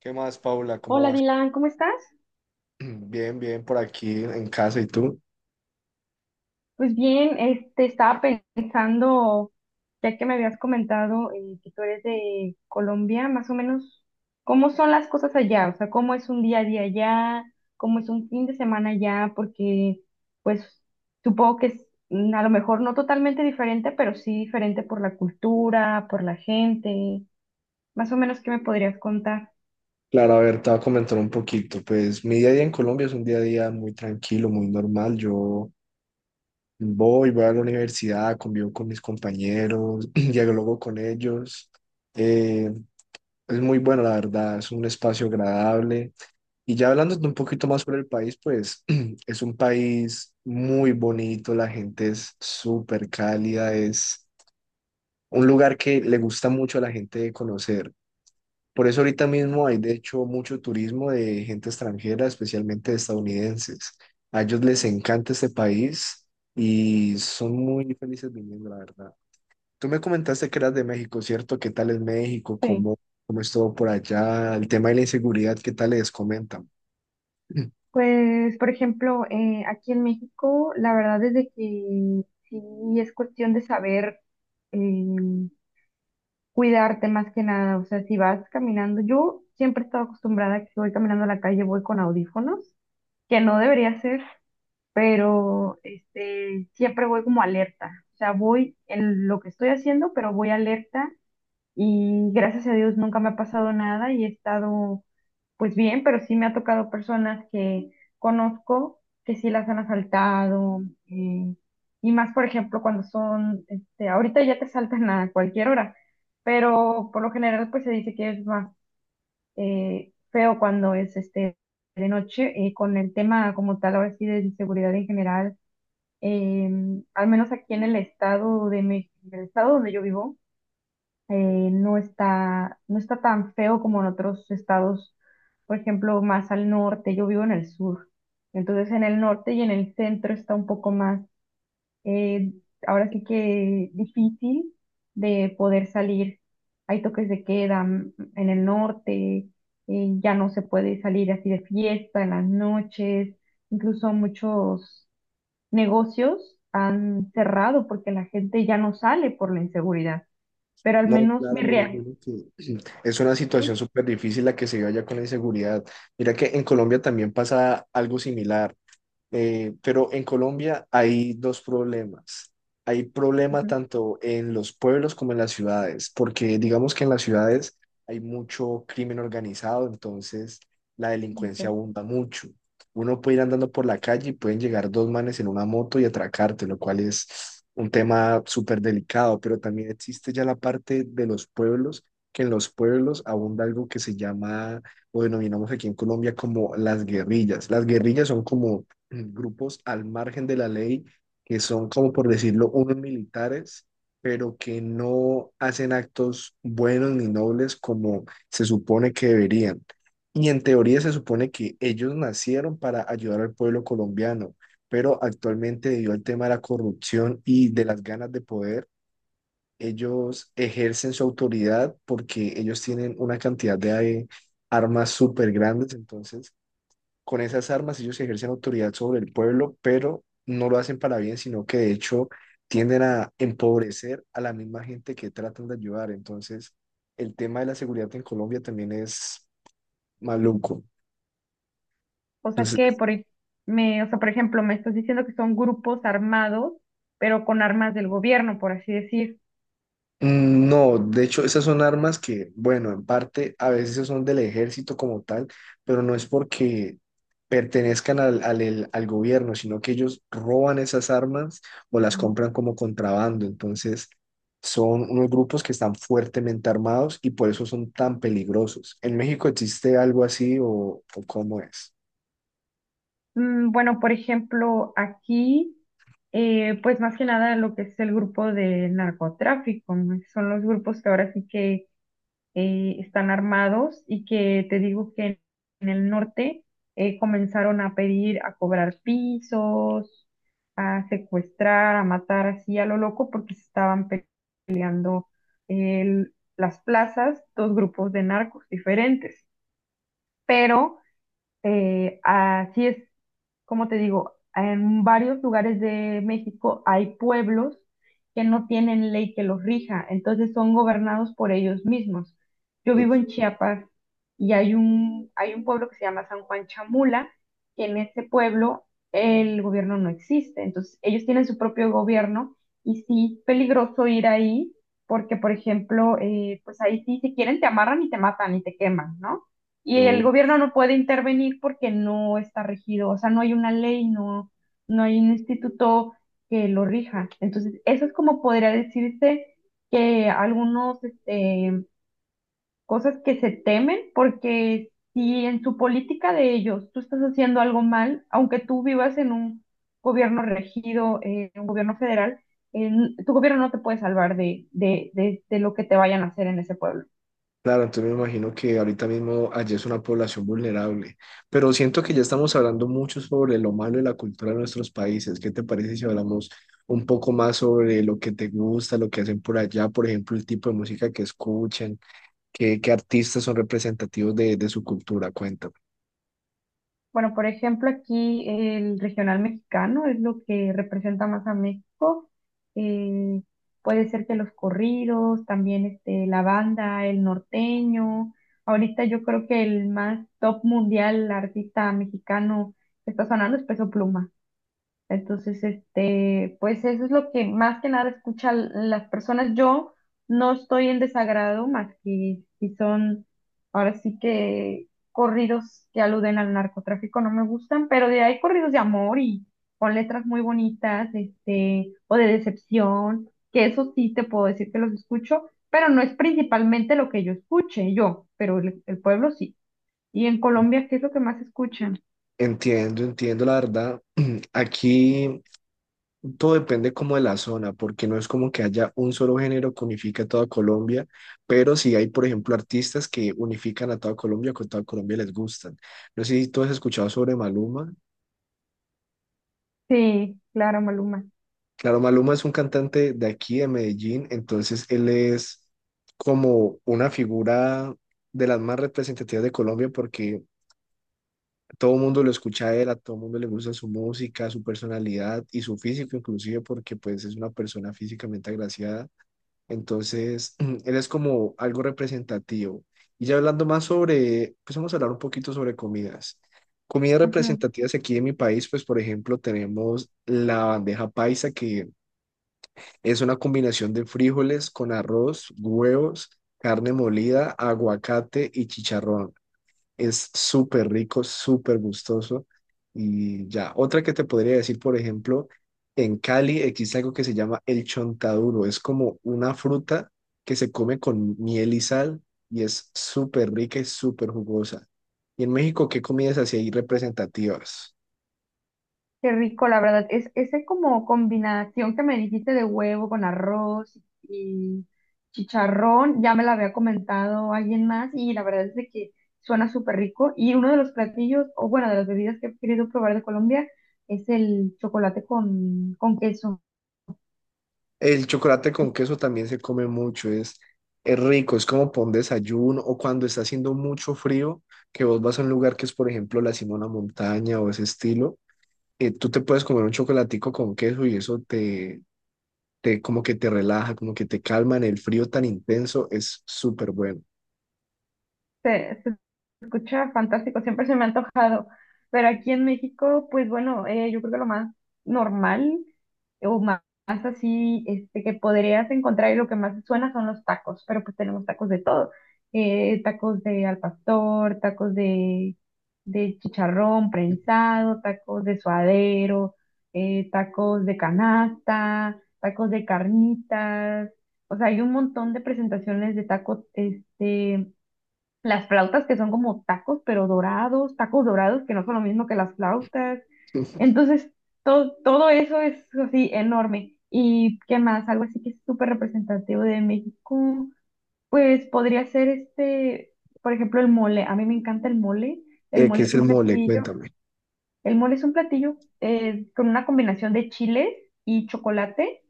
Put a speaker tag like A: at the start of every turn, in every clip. A: ¿Qué más, Paula? ¿Cómo
B: Hola
A: vas?
B: Dylan, ¿cómo estás?
A: Bien, bien, por aquí en casa. ¿Y tú?
B: Pues bien, estaba pensando, ya que me habías comentado que tú eres de Colombia, más o menos, ¿cómo son las cosas allá? O sea, ¿cómo es un día a día allá? ¿Cómo es un fin de semana allá? Porque, pues, supongo que es a lo mejor no totalmente diferente, pero sí diferente por la cultura, por la gente. Más o menos, ¿qué me podrías contar?
A: Claro, a ver, te voy a comentar un poquito. Pues mi día a día en Colombia es un día a día muy tranquilo, muy normal. Yo voy a la universidad, convivo con mis compañeros, dialogo con ellos. Eh, es muy bueno, la verdad, es un espacio agradable. Y ya hablando un poquito más sobre el país, pues es un país muy bonito, la gente es súper cálida, es un lugar que le gusta mucho a la gente de conocer. Por eso ahorita mismo hay de hecho mucho turismo de gente extranjera, especialmente de estadounidenses. A ellos les encanta este país y son muy felices viniendo, la verdad. Tú me comentaste que eras de México, ¿cierto? ¿Qué tal es México?
B: Sí.
A: ¿Cómo, cómo es todo por allá? El tema de la inseguridad, ¿qué tal les comentan?
B: Pues, por ejemplo, aquí en México, la verdad es de que sí es cuestión de saber eh, cuidarte más que nada. O sea, si vas caminando, yo siempre he estado acostumbrada a que si voy caminando a la calle, voy con audífonos, que no debería ser, pero siempre voy como alerta. O sea, voy en lo que estoy haciendo, pero voy alerta y gracias a Dios nunca me ha pasado nada y he estado pues bien, pero sí me ha tocado personas que conozco que sí las han asaltado, eh, y más por ejemplo cuando son, ahorita ya te asaltan a cualquier hora, pero por lo general pues se dice que es más feo cuando es de noche, con el tema como tal ahora sí de inseguridad en general. Al menos aquí en el estado de México, en el estado donde yo vivo, no está tan feo como en otros estados, por ejemplo, más al norte, yo vivo en el sur, entonces en el norte y en el centro está un poco más, eh, ahora sí que difícil de poder salir. Hay toques de queda en el norte, ya no se puede salir así de fiesta en las noches, incluso muchos negocios han cerrado porque la gente ya no sale por la inseguridad, pero al
A: No,
B: menos
A: claro, me imagino que es una situación
B: Sí.
A: súper difícil la que se vive allá con la inseguridad. Mira que en Colombia también pasa algo similar. Pero en Colombia hay dos problemas. Hay problema
B: Ujú,
A: tanto en los pueblos como en las ciudades, porque digamos que en las ciudades hay mucho crimen organizado, entonces la delincuencia
B: ok.
A: abunda mucho. Uno puede ir andando por la calle y pueden llegar dos manes en una moto y atracarte, lo cual es un tema súper delicado, pero también existe ya la parte de los pueblos, que en los pueblos abunda algo que se llama, o denominamos aquí en Colombia como las guerrillas. Las guerrillas son como grupos al margen de la ley, que son como por decirlo, unos militares, pero que no hacen actos buenos ni nobles como se supone que deberían. Y en teoría se supone que ellos nacieron para ayudar al pueblo colombiano, pero actualmente debido al tema de la corrupción y de las ganas de poder, ellos ejercen su autoridad porque ellos tienen una cantidad de armas súper grandes, entonces con esas armas ellos ejercen autoridad sobre el pueblo, pero no lo hacen para bien, sino que de hecho tienden a empobrecer a la misma gente que tratan de ayudar. Entonces, el tema de la seguridad en Colombia también es maluco.
B: O sea que
A: Entonces,
B: por ej- o sea, por ejemplo, me estás diciendo que son grupos armados, pero con armas del gobierno, por así decir.
A: mm, no, de hecho, esas son armas que, bueno, en parte a veces son del ejército como tal, pero no es porque pertenezcan al gobierno, sino que ellos roban esas armas o las
B: Ujú.
A: compran como contrabando. Entonces, son unos grupos que están fuertemente armados y por eso son tan peligrosos. ¿En México existe algo así o cómo es?
B: Bueno, por ejemplo, aquí, pues más que nada lo que es el grupo de narcotráfico, ¿no? Son los grupos que ahora sí que están armados y que te digo que en el norte comenzaron a pedir, a cobrar pisos, a secuestrar, a matar así a lo loco porque se estaban peleando las plazas, dos grupos de narcos diferentes. Pero así es como te digo, en varios lugares de México hay pueblos que no tienen ley que los rija, entonces son gobernados por ellos mismos. Yo vivo en Chiapas y hay un pueblo que se llama San Juan Chamula, que en ese pueblo el gobierno no existe, entonces ellos tienen su propio gobierno y sí, peligroso ir ahí. Porque, por ejemplo, pues ahí sí, si quieren te amarran y te matan y te queman, ¿no? Y el gobierno no puede intervenir porque no está regido, o sea, no hay una ley, no, no hay un instituto que lo rija. Entonces, eso es como podría decirse que algunos, cosas que se temen porque si en su política de ellos tú estás haciendo algo mal, aunque tú vivas en un gobierno regido, en un gobierno federal, eh, tu gobierno no te puede salvar de lo que te vayan a hacer en ese pueblo.
A: Claro, entonces me imagino que ahorita mismo allí es una población vulnerable, pero siento que ya estamos hablando mucho sobre lo malo de la cultura de nuestros países. ¿Qué te parece si hablamos un poco más sobre lo que te gusta, lo que hacen por allá, por ejemplo, el tipo de música que escuchan, qué artistas son representativos de su cultura? Cuéntame.
B: Bueno, por ejemplo, aquí el regional mexicano es lo que representa más a México. Puede ser que los corridos, también la banda, el norteño. Ahorita yo creo que el más top mundial artista mexicano que está sonando es Peso Pluma. Entonces, pues eso es lo que más que nada escuchan las personas. Yo no estoy en desagrado más que si son, ahora sí que corridos que aluden al narcotráfico no me gustan, pero de ahí corridos de amor y con letras muy bonitas, o de decepción, que eso sí te puedo decir que los escucho, pero no es principalmente lo que yo escuche, yo, pero el pueblo sí. Y en Colombia, ¿qué es lo que más escuchan?
A: Entiendo, entiendo la verdad. Aquí todo depende como de la zona, porque no es como que haya un solo género que unifique a toda Colombia, pero sí hay, por ejemplo, artistas que unifican a toda Colombia, que a toda Colombia les gustan. No sé si tú has escuchado sobre Maluma.
B: Sí, claro, Maluma.
A: Claro, Maluma es un cantante de aquí, de Medellín, entonces él es como una figura de las más representativas de Colombia porque todo el mundo lo escucha a él, a todo el mundo le gusta su música, su personalidad y su físico inclusive porque pues es una persona físicamente agraciada. Entonces, él es como algo representativo. Y ya hablando más sobre, pues vamos a hablar un poquito sobre comidas. Comidas
B: Ajá.
A: representativas aquí en mi país, pues por ejemplo tenemos la bandeja paisa, que es una combinación de frijoles con arroz, huevos, carne molida, aguacate y chicharrón. Es súper rico, súper gustoso. Y ya, otra que te podría decir, por ejemplo, en Cali existe algo que se llama el chontaduro. Es como una fruta que se come con miel y sal y es súper rica y súper jugosa. Y en México, ¿qué comidas así hay representativas?
B: Qué rico, la verdad. Es esa como combinación que me dijiste de huevo con arroz y chicharrón, ya me la había comentado alguien más y la verdad es de que suena súper rico. Y uno de los platillos, o bueno, de las bebidas que he querido probar de Colombia es el chocolate con queso.
A: El chocolate con queso también se come mucho, es rico, es como pon desayuno o cuando está haciendo mucho frío, que vos vas a un lugar que es, por ejemplo, la Simona Montaña o ese estilo, tú te puedes comer un chocolatico con queso y eso te, te como que te relaja, como que te calma en el frío tan intenso, es súper bueno.
B: Se escucha fantástico, siempre se me ha antojado. Pero aquí en México, pues bueno, yo creo que lo más normal o sí, que podrías encontrar y lo que más suena son los tacos, pero pues tenemos tacos de todo. Tacos de al pastor, de chicharrón prensado, tacos de suadero, tacos de canasta, tacos de carnitas. O sea, hay un montón de presentaciones de tacos, las flautas que son como tacos, pero dorados, tacos dorados que no son lo mismo que las flautas. Entonces, todo eso es así enorme. ¿Y qué más? Algo así que es súper representativo de México, pues podría ser por ejemplo, el mole. A mí me encanta el mole. El
A: ¿qué
B: mole
A: es
B: es
A: el
B: un
A: mole?
B: platillo.
A: Cuéntame.
B: El mole es un platillo, con una combinación de chiles y chocolate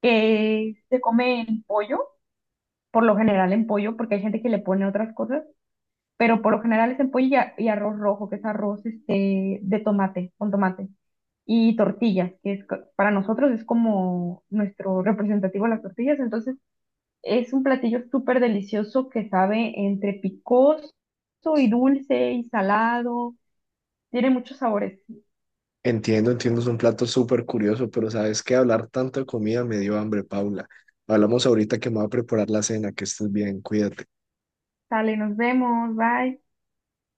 B: que se come en pollo, por lo general en pollo, porque hay gente que le pone otras cosas, pero por lo general es en pollo y, y arroz rojo, que es arroz de tomate, con tomate. Y tortillas, que es, para nosotros es como nuestro representativo las tortillas. Entonces, es un platillo súper delicioso que sabe entre picoso y dulce y salado. Tiene muchos sabores.
A: Entiendo, entiendo, es un plato súper curioso, pero sabes que hablar tanto de comida me dio hambre, Paula. Hablamos ahorita que me voy a preparar la cena, que estés bien, cuídate.
B: Sale, nos vemos, bye.